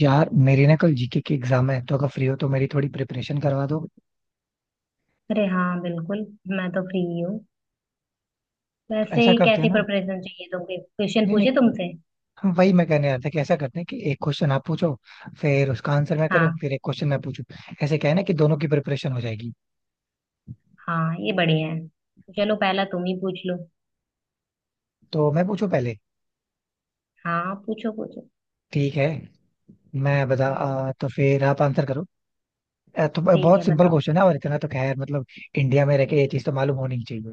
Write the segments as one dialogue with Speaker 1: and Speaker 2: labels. Speaker 1: यार मेरी ना कल जीके की एग्जाम है तो अगर फ्री हो तो मेरी थोड़ी प्रिपरेशन करवा दो।
Speaker 2: अरे हाँ बिल्कुल। मैं तो फ्री हूँ।
Speaker 1: तो
Speaker 2: वैसे
Speaker 1: ऐसा करते हैं
Speaker 2: कैसी
Speaker 1: ना।
Speaker 2: प्रिपरेशन चाहिए तुमको, क्वेश्चन
Speaker 1: नहीं
Speaker 2: पूछे
Speaker 1: नहीं।
Speaker 2: तुमसे?
Speaker 1: हम वही मैं कहने आया था कि ऐसा करते हैं कि एक क्वेश्चन आप पूछो, फिर उसका आंसर मैं करूँ,
Speaker 2: हाँ
Speaker 1: फिर एक क्वेश्चन मैं पूछूं। ऐसे क्या है ना कि दोनों की प्रिपरेशन हो जाएगी।
Speaker 2: हाँ ये बढ़िया है। चलो पहला तुम ही पूछ लो।
Speaker 1: तो मैं पूछूं पहले।
Speaker 2: हाँ पूछो पूछो।
Speaker 1: ठीक है। मैं बता
Speaker 2: हम्म।
Speaker 1: तो फिर आप आंसर करो। तो
Speaker 2: ठीक
Speaker 1: बहुत
Speaker 2: है
Speaker 1: सिंपल
Speaker 2: बताओ।
Speaker 1: क्वेश्चन है, और इतना तो खैर मतलब इंडिया में रह के ये चीज तो मालूम होनी ही चाहिए।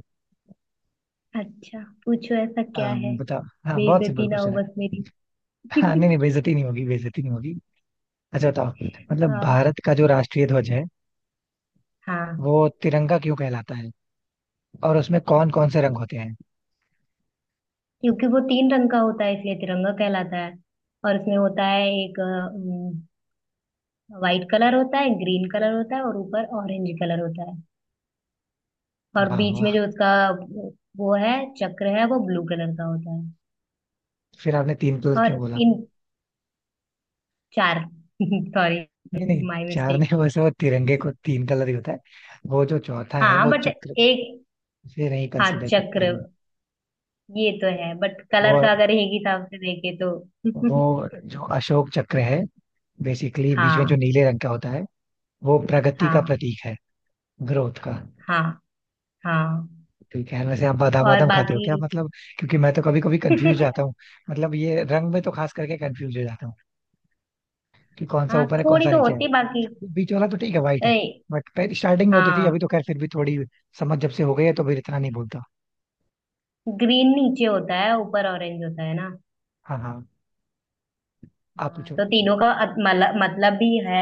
Speaker 2: अच्छा पूछो ऐसा क्या है।
Speaker 1: बताओ, हाँ, बहुत सिंपल
Speaker 2: बेइज्जती ना हो
Speaker 1: क्वेश्चन है।
Speaker 2: बस मेरी।
Speaker 1: हाँ, नहीं नहीं, बेइज्जती नहीं होगी, बेइज्जती नहीं होगी। अच्छा बताओ। मतलब
Speaker 2: हाँ
Speaker 1: भारत का जो राष्ट्रीय ध्वज है,
Speaker 2: हाँ।
Speaker 1: वो तिरंगा क्यों कहलाता है, और उसमें कौन कौन से रंग होते हैं?
Speaker 2: क्योंकि वो तीन रंग का होता है इसलिए तिरंगा कहलाता है। और उसमें होता है एक वाइट कलर होता है, ग्रीन कलर होता है और ऊपर ऑरेंज कलर होता है। और
Speaker 1: वाह
Speaker 2: बीच में
Speaker 1: वाह।
Speaker 2: जो उसका वो है, चक्र है वो ब्लू कलर का होता है।
Speaker 1: फिर आपने तीन कलर
Speaker 2: और
Speaker 1: क्यों बोला?
Speaker 2: इन चार। सॉरी
Speaker 1: नहीं नहीं।
Speaker 2: माय
Speaker 1: चार
Speaker 2: मिस्टेक।
Speaker 1: नहीं, वैसे वो तिरंगे को तीन कलर ही होता है। वो जो चौथा है
Speaker 2: हाँ
Speaker 1: वो
Speaker 2: बट
Speaker 1: चक्र
Speaker 2: एक।
Speaker 1: से नहीं
Speaker 2: हाँ
Speaker 1: कंसीडर करते
Speaker 2: चक्र
Speaker 1: हैं।
Speaker 2: ये तो है बट
Speaker 1: वो
Speaker 2: कलर का अगर एक हिसाब से देखे तो।
Speaker 1: वो जो अशोक चक्र है, बेसिकली बीच में जो
Speaker 2: हाँ
Speaker 1: नीले रंग का होता है, वो प्रगति का
Speaker 2: हाँ
Speaker 1: प्रतीक है, ग्रोथ का।
Speaker 2: हाँ हाँ।
Speaker 1: ठीक है। वैसे आप बादाम
Speaker 2: और
Speaker 1: वादाम खाते हो
Speaker 2: बाकी।
Speaker 1: क्या? मतलब क्योंकि मैं तो कभी कभी कंफ्यूज जाता हूँ। मतलब ये रंग में तो खास करके कंफ्यूज हो जाता हूँ कि कौन सा
Speaker 2: हाँ
Speaker 1: ऊपर है, कौन
Speaker 2: थोड़ी
Speaker 1: सा
Speaker 2: तो
Speaker 1: नीचे है।
Speaker 2: होती है बाकी।
Speaker 1: बीच वाला तो ठीक है, वाइट है।
Speaker 2: ए,
Speaker 1: बट पहले स्टार्टिंग में होती थी, अभी
Speaker 2: हाँ
Speaker 1: तो खैर फिर भी थोड़ी समझ जब से हो गई है तो फिर इतना नहीं बोलता।
Speaker 2: ग्रीन नीचे होता है ऊपर ऑरेंज होता है ना।
Speaker 1: हाँ हाँ। आप
Speaker 2: हाँ
Speaker 1: पूछो।
Speaker 2: तो तीनों का मतलब भी है,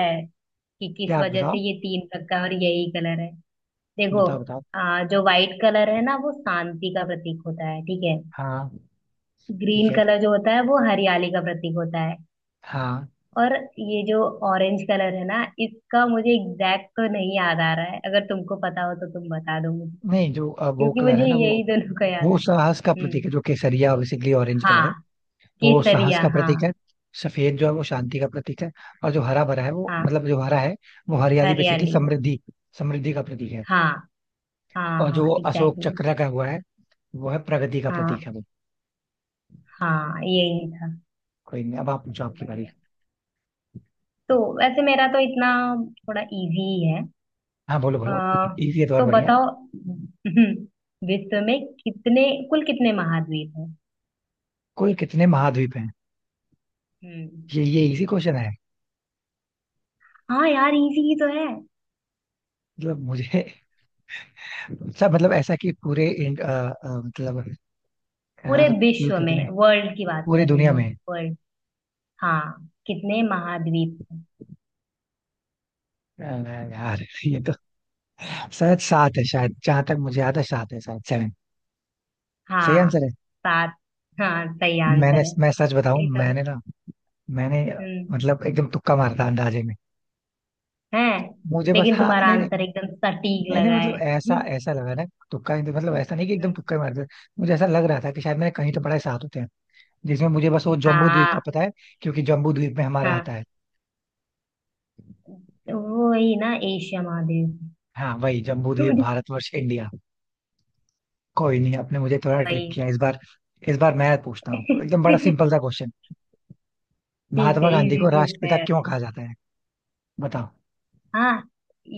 Speaker 2: कि किस
Speaker 1: क्या आप
Speaker 2: वजह
Speaker 1: बताओ?
Speaker 2: से ये तीन रखा है और यही कलर है। देखो,
Speaker 1: बताओ बताओ।
Speaker 2: जो व्हाइट कलर है ना वो शांति का प्रतीक होता है, ठीक है।
Speaker 1: हाँ ठीक
Speaker 2: ग्रीन
Speaker 1: है।
Speaker 2: कलर जो होता है वो हरियाली का प्रतीक होता है।
Speaker 1: हाँ,
Speaker 2: और ये जो ऑरेंज कलर है ना, इसका मुझे एग्जैक्ट तो नहीं याद आ रहा है, अगर तुमको पता हो तो तुम बता दो मुझे,
Speaker 1: नहीं, जो वो
Speaker 2: क्योंकि
Speaker 1: कलर है
Speaker 2: मुझे
Speaker 1: ना,
Speaker 2: यही दोनों का याद
Speaker 1: वो
Speaker 2: है।
Speaker 1: साहस का प्रतीक
Speaker 2: हम्म।
Speaker 1: है, जो केसरिया, बेसिकली ऑरेंज कलर
Speaker 2: हाँ
Speaker 1: है। वो साहस
Speaker 2: केसरिया
Speaker 1: का प्रतीक है।
Speaker 2: हाँ।
Speaker 1: सफेद जो है वो शांति का प्रतीक है। और जो हरा भरा है, वो
Speaker 2: हाँ
Speaker 1: मतलब जो हरा है, वो हरियाली, बेसिकली
Speaker 2: हरियाली का।
Speaker 1: समृद्धि, समृद्धि का प्रतीक है।
Speaker 2: हाँ हाँ
Speaker 1: और जो
Speaker 2: हाँ
Speaker 1: अशोक
Speaker 2: एग्जैक्टली।
Speaker 1: चक्र का हुआ है, वो है प्रगति का प्रतीक
Speaker 2: हाँ
Speaker 1: है वो।
Speaker 2: हाँ यही था।
Speaker 1: कोई नहीं, अब आप पूछो,
Speaker 2: सबसे
Speaker 1: आपकी बारी।
Speaker 2: बढ़िया। तो वैसे मेरा तो इतना थोड़ा इजी ही है।
Speaker 1: हाँ बोलो
Speaker 2: आ,
Speaker 1: बोलो, इजी है तो और
Speaker 2: तो
Speaker 1: बढ़िया है।
Speaker 2: बताओ, विश्व में कितने, कुल कितने महाद्वीप हैं?
Speaker 1: कुल कितने महाद्वीप हैं?
Speaker 2: हम्म।
Speaker 1: ये इजी क्वेश्चन है।
Speaker 2: हाँ यार इजी ही तो है।
Speaker 1: मतलब मुझे अच्छा, मतलब ऐसा कि पूरे मतलब,
Speaker 2: पूरे
Speaker 1: यार कुल
Speaker 2: विश्व
Speaker 1: कितने?
Speaker 2: में, वर्ल्ड की बात
Speaker 1: पूरी
Speaker 2: कर रही
Speaker 1: दुनिया
Speaker 2: मैं।
Speaker 1: में
Speaker 2: वर्ल्ड। हाँ कितने महाद्वीप हैं?
Speaker 1: यार, ये तो शायद सात है, शायद जहां तक मुझे याद है सात है, शायद सेवन सही
Speaker 2: हाँ
Speaker 1: आंसर है।
Speaker 2: सात। हाँ सही
Speaker 1: मैंने,
Speaker 2: आंसर है।
Speaker 1: मैं सच बताऊं,
Speaker 2: ये तो।
Speaker 1: मैंने ना मैंने
Speaker 2: हम्म,
Speaker 1: मतलब एकदम तुक्का मारा था अंदाजे में।
Speaker 2: है।
Speaker 1: मुझे बस,
Speaker 2: लेकिन
Speaker 1: हाँ,
Speaker 2: तुम्हारा
Speaker 1: नहीं नहीं,
Speaker 2: आंसर एकदम सटीक
Speaker 1: नहीं नहीं,
Speaker 2: लगा
Speaker 1: मतलब
Speaker 2: है।
Speaker 1: ऐसा ऐसा लगा ना। मतलब ऐसा नहीं कि एकदम
Speaker 2: हम्म
Speaker 1: तुक्का ही मार दिया। मुझे ऐसा लग रहा था कि शायद मैंने कहीं तो पढ़ा है सात होते हैं, जिसमें मुझे बस वो जम्बू द्वीप का
Speaker 2: हाँ
Speaker 1: पता है। क्योंकि जम्बू द्वीप में हमारा आता
Speaker 2: हाँ।
Speaker 1: है।
Speaker 2: वो वही ना, एशिया महादेव।
Speaker 1: हाँ वही, जम्बू द्वीप
Speaker 2: रोड-।
Speaker 1: भारतवर्ष इंडिया। कोई नहीं, आपने मुझे थोड़ा ट्रिक
Speaker 2: वही।
Speaker 1: किया इस बार। इस बार मैं पूछता हूँ एकदम बड़ा सिंपल सा क्वेश्चन।
Speaker 2: ठीक
Speaker 1: महात्मा
Speaker 2: है,
Speaker 1: गांधी
Speaker 2: इजी
Speaker 1: को
Speaker 2: पूछना है
Speaker 1: राष्ट्रपिता
Speaker 2: यार।
Speaker 1: क्यों कहा जाता है? बताओ।
Speaker 2: हाँ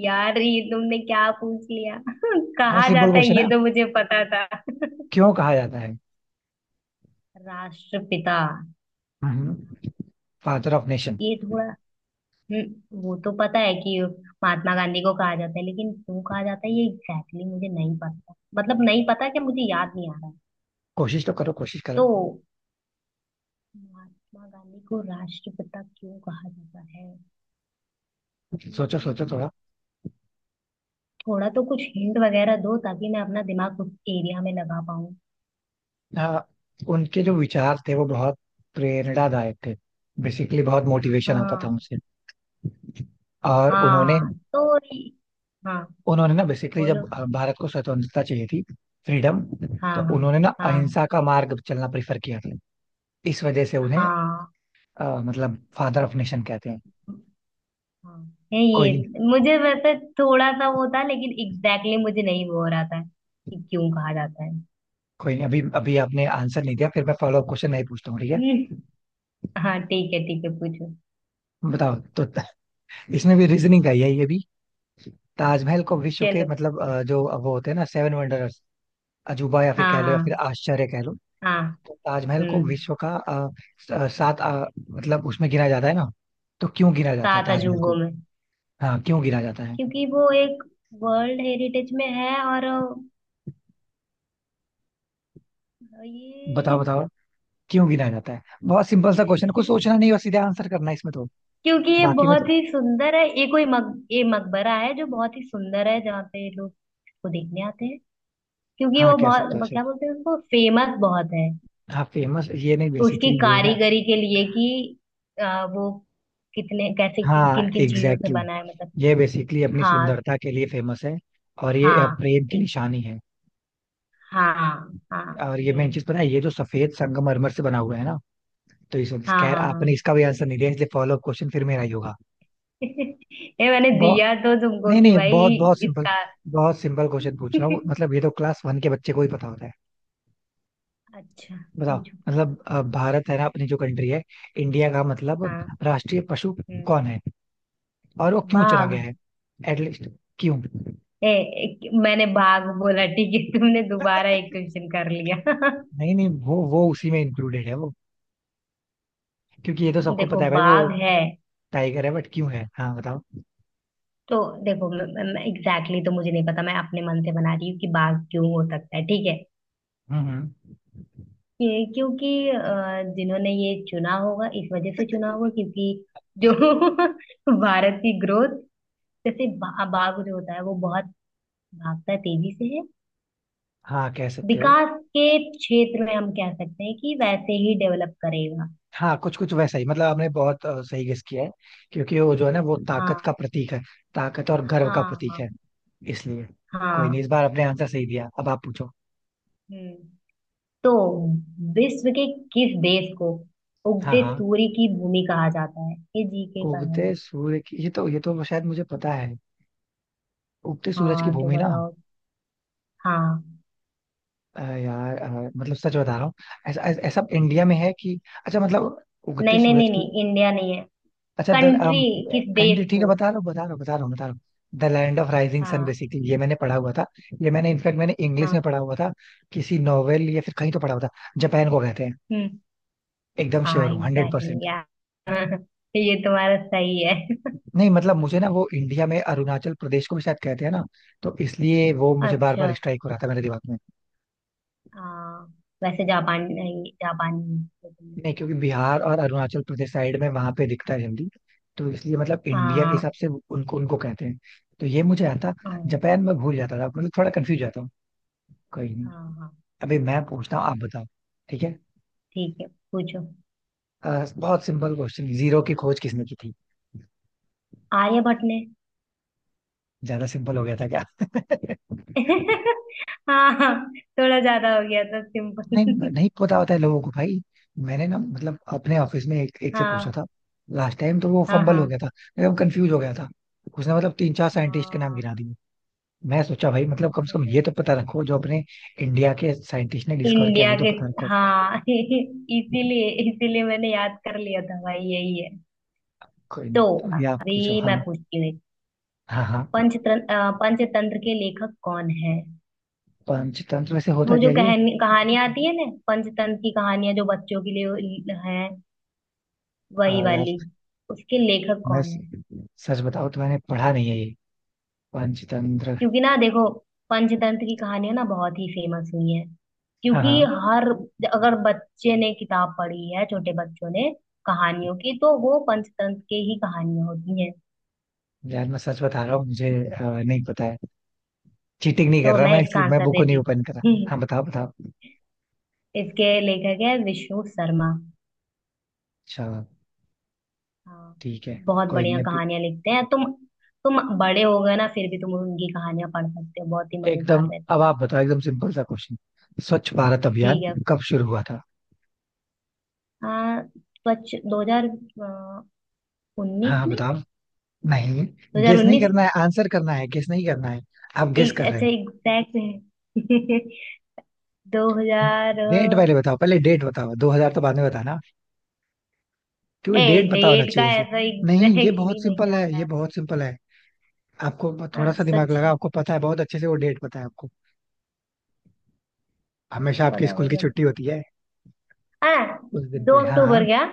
Speaker 2: यार ये तुमने क्या पूछ लिया।
Speaker 1: बहुत
Speaker 2: कहाँ
Speaker 1: सिंपल
Speaker 2: जाता है
Speaker 1: क्वेश्चन
Speaker 2: ये
Speaker 1: है,
Speaker 2: तो मुझे पता था।
Speaker 1: क्यों कहा जाता है?
Speaker 2: राष्ट्रपिता।
Speaker 1: हम्म, फादर ऑफ नेशन।
Speaker 2: ये थोड़ा। वो तो पता है कि महात्मा गांधी को कहा जाता है, लेकिन क्यों कहा जाता है ये एग्जैक्टली exactly मुझे नहीं पता, मतलब नहीं पता, कि मुझे याद नहीं आ रहा है।
Speaker 1: कोशिश तो करो, कोशिश करो।
Speaker 2: तो महात्मा गांधी को राष्ट्रपिता क्यों कहा जाता है?
Speaker 1: सोचो सोचो
Speaker 2: हम्म,
Speaker 1: थोड़ा।
Speaker 2: थोड़ा तो कुछ हिंट वगैरह दो ताकि मैं अपना दिमाग उस एरिया में लगा पाऊँ।
Speaker 1: हाँ, उनके जो विचार थे वो बहुत प्रेरणादायक थे। बेसिकली बहुत मोटिवेशन आता था
Speaker 2: हाँ
Speaker 1: उनसे। और उन्होंने
Speaker 2: हाँ तो ये-। हाँ
Speaker 1: उन्होंने ना बेसिकली, जब
Speaker 2: बोलो।
Speaker 1: भारत को स्वतंत्रता चाहिए थी, फ्रीडम,
Speaker 2: हाँ।
Speaker 1: तो
Speaker 2: हाँ
Speaker 1: उन्होंने ना
Speaker 2: हाँ।
Speaker 1: अहिंसा का मार्ग चलना प्रेफर किया था। इस वजह से उन्हें
Speaker 2: हाँ
Speaker 1: मतलब फादर ऑफ नेशन कहते हैं।
Speaker 2: हाँ, है
Speaker 1: कोई
Speaker 2: ये
Speaker 1: नहीं,
Speaker 2: मुझे वैसे थोड़ा सा वो था, लेकिन एग्जैक्टली exactly मुझे नहीं वो हो रहा था कि क्यों कहा जाता है।
Speaker 1: कोई नहीं। अभी अभी आपने आंसर नहीं दिया, फिर मैं फॉलो अप क्वेश्चन नहीं पूछता हूँ, ठीक है।
Speaker 2: हम्म, हाँ ठीक है पूछो।
Speaker 1: बताओ तो इसमें भी रीजनिंग का ही है, ये भी। ताजमहल को विश्व के,
Speaker 2: चलो।
Speaker 1: मतलब जो वो होते हैं ना, सेवन वंडर्स, अजूबा या फिर
Speaker 2: हाँ
Speaker 1: कह लो, या फिर
Speaker 2: हाँ
Speaker 1: आश्चर्य कह लो।
Speaker 2: हाँ।
Speaker 1: तो ताजमहल को
Speaker 2: हम्म।
Speaker 1: विश्व का सात मतलब उसमें गिना जाता है ना। तो क्यों गिना जाता है
Speaker 2: सात
Speaker 1: ताजमहल को?
Speaker 2: अजूबों में?
Speaker 1: हाँ क्यों गिना जाता है?
Speaker 2: क्योंकि वो एक वर्ल्ड हेरिटेज में है और
Speaker 1: बताओ
Speaker 2: ये।
Speaker 1: बताओ। क्यों गिनाया जाता है? बहुत सिंपल सा क्वेश्चन, कुछ सोचना नहीं और सीधे आंसर करना है इसमें तो।
Speaker 2: क्योंकि ये
Speaker 1: बाकी में तो
Speaker 2: बहुत ही सुंदर है, ये कोई ये मकबरा है जो बहुत ही सुंदर है, जहाँ पे लोग इसको देखने आते हैं। क्योंकि
Speaker 1: हाँ,
Speaker 2: वो
Speaker 1: कह सकते हो
Speaker 2: बहुत,
Speaker 1: ऐसे।
Speaker 2: क्या बोलते हैं उसको, फेमस बहुत है।
Speaker 1: हाँ फेमस ये नहीं,
Speaker 2: उसकी
Speaker 1: बेसिकली ये है ना।
Speaker 2: कारीगरी के लिए कि वो कितने कैसे
Speaker 1: हाँ
Speaker 2: किन किन चीजों से
Speaker 1: एग्जैक्टली
Speaker 2: बना है मतलब।
Speaker 1: exactly। ये बेसिकली अपनी
Speaker 2: हाँ
Speaker 1: सुंदरता के लिए फेमस है। और ये
Speaker 2: हाँ
Speaker 1: प्रेम की
Speaker 2: एक।
Speaker 1: निशानी है।
Speaker 2: हाँ हाँ
Speaker 1: और ये मेन
Speaker 2: यही।
Speaker 1: चीज पता है, ये जो सफेद संगमरमर से बना हुआ है ना। तो इस वजह से-
Speaker 2: हाँ
Speaker 1: खैर
Speaker 2: हाँ
Speaker 1: आपने
Speaker 2: हाँ।
Speaker 1: इसका भी आंसर नहीं दिया, इसलिए फॉलो क्वेश्चन फिर मेरा ही होगा।
Speaker 2: ये मैंने
Speaker 1: बहुत
Speaker 2: दिया तो तुमको
Speaker 1: नहीं
Speaker 2: कि
Speaker 1: नहीं,
Speaker 2: भाई
Speaker 1: बहुत बहुत सिंपल।
Speaker 2: इसका।
Speaker 1: बहुत सिंपल क्वेश्चन पूछ रहा हूँ, मतलब ये तो क्लास वन के बच्चे को ही पता होता है।
Speaker 2: अच्छा
Speaker 1: बताओ।
Speaker 2: पूछो पूछो।
Speaker 1: मतलब भारत है ना, अपनी जो कंट्री है, इंडिया का मतलब
Speaker 2: हाँ।
Speaker 1: राष्ट्रीय पशु
Speaker 2: हम्म।
Speaker 1: कौन है, और वो क्यों चला
Speaker 2: बाघ।
Speaker 1: गया है एटलीस्ट? क्यों?
Speaker 2: ए, मैंने बाघ बोला ठीक है, तुमने दोबारा एक क्वेश्चन कर लिया।
Speaker 1: नहीं नहीं, वो उसी में इंक्लूडेड है वो। क्योंकि ये तो सबको
Speaker 2: देखो
Speaker 1: पता है भाई, वो
Speaker 2: बाघ है।
Speaker 1: टाइगर है, बट क्यों है? हाँ बताओ।
Speaker 2: तो देखो एग्जैक्टली exactly तो मुझे नहीं पता, मैं अपने मन से बना रही हूँ कि बाघ क्यों हो सकता है, ठीक है।
Speaker 1: हम्म हम्म।
Speaker 2: क्योंकि जिन्होंने ये चुना होगा इस वजह से चुना होगा, क्योंकि जो भारत की ग्रोथ, जैसे बाघ जो होता है वो बहुत भागता है तेजी से है।
Speaker 1: हाँ कह सकते हो।
Speaker 2: विकास के क्षेत्र में हम कह सकते हैं कि वैसे ही डेवलप करेगा।
Speaker 1: हाँ कुछ कुछ वैसा ही, मतलब आपने बहुत सही गेस किया है। क्योंकि वो जो है ना, वो ताकत
Speaker 2: हाँ
Speaker 1: का प्रतीक है। ताकत और गर्व
Speaker 2: हाँ
Speaker 1: का प्रतीक
Speaker 2: हाँ
Speaker 1: है, इसलिए। कोई नहीं,
Speaker 2: हाँ।
Speaker 1: इस बार आपने आंसर सही दिया, अब आप पूछो।
Speaker 2: हम्म। तो विश्व के किस देश को
Speaker 1: हाँ
Speaker 2: उगते
Speaker 1: हाँ।
Speaker 2: सूर्य की भूमि कहा जाता है, ये जीके का है।
Speaker 1: उगते सूर्य की, ये तो शायद मुझे पता है, उगते सूरज की
Speaker 2: हाँ तो
Speaker 1: भूमि ना।
Speaker 2: बताओ। हाँ।
Speaker 1: यार मतलब सच बता रहा हूँ। ऐसा ऐसा ऐसा इंडिया
Speaker 2: हम्म,
Speaker 1: में है कि... अच्छा मतलब उगते
Speaker 2: नहीं नहीं
Speaker 1: सूरज
Speaker 2: नहीं
Speaker 1: की...
Speaker 2: नहीं, इंडिया नहीं है।
Speaker 1: अच्छा द
Speaker 2: कंट्री। किस
Speaker 1: कंट्री,
Speaker 2: देश
Speaker 1: ठीक है,
Speaker 2: को।
Speaker 1: बता रहा हूँ, बता रहा हूँ, बता रहा हूँ, बता रहा हूँ। The land of rising sun,
Speaker 2: हाँ
Speaker 1: बेसिकली ये मैंने पढ़ा हुआ था। ये मैंने इनफैक्ट मैंने इंग्लिश में
Speaker 2: हाँ।
Speaker 1: पढ़ा हुआ था। किसी नॉवेल या फिर कहीं तो पढ़ा हुआ था। जापान को कहते हैं।
Speaker 2: हम्म।
Speaker 1: एकदम
Speaker 2: हाँ
Speaker 1: श्योर हूँ, हंड्रेड
Speaker 2: एग्जैक्टली
Speaker 1: परसेंट
Speaker 2: यार, ये तुम्हारा सही है।
Speaker 1: नहीं मतलब मुझे ना, वो इंडिया में अरुणाचल प्रदेश को भी शायद कहते हैं ना। तो इसलिए वो मुझे बार बार
Speaker 2: अच्छा।
Speaker 1: स्ट्राइक हो रहा था मेरे दिमाग में।
Speaker 2: हाँ। वैसे जापान नहीं, जापानी है, जो तुमने
Speaker 1: नहीं
Speaker 2: बोला।
Speaker 1: क्योंकि बिहार और अरुणाचल प्रदेश साइड में वहां पे दिखता है जल्दी। तो इसलिए, मतलब इंडिया के हिसाब
Speaker 2: हाँ
Speaker 1: से उनको उनको कहते हैं। तो ये मुझे आता।
Speaker 2: हाँ
Speaker 1: जापान में भूल जाता था, मतलब थोड़ा कंफ्यूज जाता हूँ। कहीं
Speaker 2: हाँ
Speaker 1: नहीं।
Speaker 2: हाँ,
Speaker 1: अभी मैं पूछता हूँ, आप बताओ। ठीक है।
Speaker 2: ठीक है पूछो।
Speaker 1: बहुत सिंपल क्वेश्चन, जीरो की खोज किसने की थी?
Speaker 2: आर्यभट्ट ने।
Speaker 1: ज्यादा सिंपल हो गया था क्या?
Speaker 2: हाँ हाँ थोड़ा ज्यादा हो गया था
Speaker 1: नहीं,
Speaker 2: सिंपल।
Speaker 1: नहीं पता होता है लोगों को भाई। मैंने ना, मतलब अपने ऑफिस में एक से पूछा
Speaker 2: हाँ
Speaker 1: था। लास्ट टाइम तो वो
Speaker 2: हाँ
Speaker 1: फंबल हो
Speaker 2: हाँ
Speaker 1: गया था। एकदम कंफ्यूज हो गया था। उसने मतलब तीन चार साइंटिस्ट के नाम
Speaker 2: हाँ।
Speaker 1: गिना दिए। मैं सोचा भाई, मतलब कम
Speaker 2: अच्छा
Speaker 1: से कम ये
Speaker 2: नहीं।
Speaker 1: तो पता रखो, जो अपने इंडिया के साइंटिस्ट ने डिस्कवर किया
Speaker 2: इंडिया
Speaker 1: वो तो
Speaker 2: के।
Speaker 1: पता रखो।
Speaker 2: हाँ इसीलिए इसीलिए मैंने याद कर लिया था भाई यही है।
Speaker 1: कोई
Speaker 2: तो
Speaker 1: नहीं, अभी आप पूछो।
Speaker 2: अभी मैं
Speaker 1: हाँ
Speaker 2: पूछती हूँ।
Speaker 1: हाँ हाँ।
Speaker 2: पंचतंत्र, पंचतंत्र के लेखक कौन है?
Speaker 1: पंचतंत्र वैसे होता
Speaker 2: वो
Speaker 1: क्या
Speaker 2: जो
Speaker 1: है ये?
Speaker 2: कहानी कहानियां आती है ना, पंचतंत्र की कहानियां जो बच्चों के लिए है, वही
Speaker 1: यार
Speaker 2: वाली, उसके लेखक
Speaker 1: मैं
Speaker 2: कौन है?
Speaker 1: सच बताऊं तो मैंने पढ़ा नहीं है ये, पंचतंत्र।
Speaker 2: क्योंकि ना देखो, पंचतंत्र की कहानियां ना बहुत ही फेमस हुई हैं,
Speaker 1: हाँ
Speaker 2: क्योंकि
Speaker 1: हाँ।
Speaker 2: हर अगर बच्चे ने किताब पढ़ी है, छोटे बच्चों ने कहानियों की, तो वो पंचतंत्र के ही कहानियां होती हैं।
Speaker 1: यार मैं सच बता रहा हूँ, मुझे नहीं पता है। चीटिंग नहीं कर
Speaker 2: तो
Speaker 1: रहा
Speaker 2: मैं
Speaker 1: मैं,
Speaker 2: इसका
Speaker 1: इसलिए मैं
Speaker 2: आंसर
Speaker 1: बुक को नहीं
Speaker 2: देती
Speaker 1: ओपन कर रहा।
Speaker 2: हूँ।
Speaker 1: हाँ बताओ बताओ।
Speaker 2: इसके लेखक है विष्णु शर्मा।
Speaker 1: अच्छा।
Speaker 2: हाँ
Speaker 1: ठीक है।
Speaker 2: बहुत
Speaker 1: कोई नहीं
Speaker 2: बढ़िया
Speaker 1: अभी।
Speaker 2: कहानियां लिखते हैं, तुम। तुम बड़े हो गए ना, फिर भी तुम उनकी कहानियां पढ़ सकते हो, बहुत ही मजेदार
Speaker 1: एकदम
Speaker 2: रहती
Speaker 1: अब
Speaker 2: है।
Speaker 1: आप बताओ, एकदम सिंपल सा क्वेश्चन। स्वच्छ भारत अभियान
Speaker 2: ठीक है।
Speaker 1: कब शुरू हुआ था?
Speaker 2: आ, स्वच्छ दो हजार
Speaker 1: हाँ
Speaker 2: उन्नीस
Speaker 1: हाँ,
Speaker 2: में।
Speaker 1: बताओ। नहीं,
Speaker 2: दो हजार
Speaker 1: गेस नहीं
Speaker 2: उन्नीस
Speaker 1: करना है, आंसर करना है, गेस नहीं करना है। आप गेस
Speaker 2: एक
Speaker 1: कर रहे
Speaker 2: अच्छा
Speaker 1: हो।
Speaker 2: एग्जैक्ट है। दो हजार।
Speaker 1: डेट पहले बताओ, पहले डेट बताओ, 2000 तो बाद में बताना। क्योंकि
Speaker 2: ए।
Speaker 1: डेट पता होना
Speaker 2: डेट का
Speaker 1: चाहिए इसे।
Speaker 2: ऐसा
Speaker 1: नहीं ये
Speaker 2: एग्जैक्टली
Speaker 1: बहुत
Speaker 2: नहीं
Speaker 1: सिंपल है,
Speaker 2: याद
Speaker 1: ये
Speaker 2: आ
Speaker 1: बहुत सिंपल है आपको।
Speaker 2: रहा।
Speaker 1: थोड़ा
Speaker 2: हाँ
Speaker 1: सा दिमाग
Speaker 2: सच है,
Speaker 1: लगा, आपको पता है बहुत अच्छे से, वो डेट पता है आपको।
Speaker 2: ऐसे
Speaker 1: हमेशा आपके
Speaker 2: पता हो
Speaker 1: स्कूल की छुट्टी
Speaker 2: सकता।
Speaker 1: होती है
Speaker 2: हाँ।
Speaker 1: उस दिन
Speaker 2: दो
Speaker 1: पे, हाँ।
Speaker 2: अक्टूबर क्या?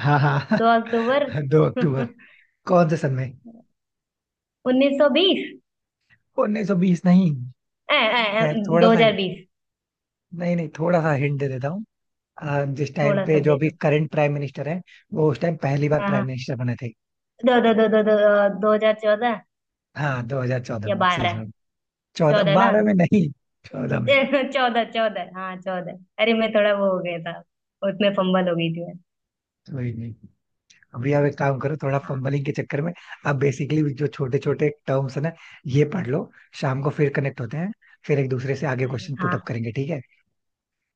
Speaker 1: हाँ हाँ हाँ
Speaker 2: 2 अक्टूबर।
Speaker 1: 2 अक्टूबर। कौन से सन में?
Speaker 2: 1920।
Speaker 1: 1920 नहीं, खैर थोड़ा
Speaker 2: दो
Speaker 1: सा...
Speaker 2: हजार बीस
Speaker 1: नहीं नहीं, थोड़ा सा हिंट दे देता हूँ। जिस टाइम
Speaker 2: थोड़ा सा
Speaker 1: पे जो
Speaker 2: दे
Speaker 1: अभी
Speaker 2: दो।
Speaker 1: करंट प्राइम मिनिस्टर है, वो उस टाइम पहली बार
Speaker 2: हाँ
Speaker 1: प्राइम
Speaker 2: हाँ।
Speaker 1: मिनिस्टर बने थे।
Speaker 2: दो दो दो दो दो दो हजार चौदह,
Speaker 1: हाँ, 2014
Speaker 2: या
Speaker 1: में सही
Speaker 2: 12,
Speaker 1: जवाब। चौदह,
Speaker 2: 14 ना?
Speaker 1: बारह में नहीं, चौदह में।
Speaker 2: चौदह चौदह हाँ चौदह, अरे मैं थोड़ा वो हो गया था, उसमें फंबल हो गई थी मैं।
Speaker 1: वही नहीं, अभी आप एक काम करो, थोड़ा
Speaker 2: हाँ।
Speaker 1: फंबलिंग के चक्कर में आप बेसिकली जो छोटे छोटे टर्म्स है ना ये पढ़ लो। शाम को फिर कनेक्ट होते हैं, फिर एक दूसरे से आगे
Speaker 2: अरे
Speaker 1: क्वेश्चन पुट
Speaker 2: हाँ
Speaker 1: अप करेंगे, ठीक है।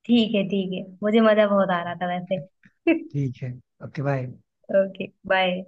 Speaker 2: ठीक है ठीक है, मुझे मजा बहुत आ
Speaker 1: ओके।
Speaker 2: रहा था वैसे।
Speaker 1: ठीक है। Okay bye.
Speaker 2: Okay bye.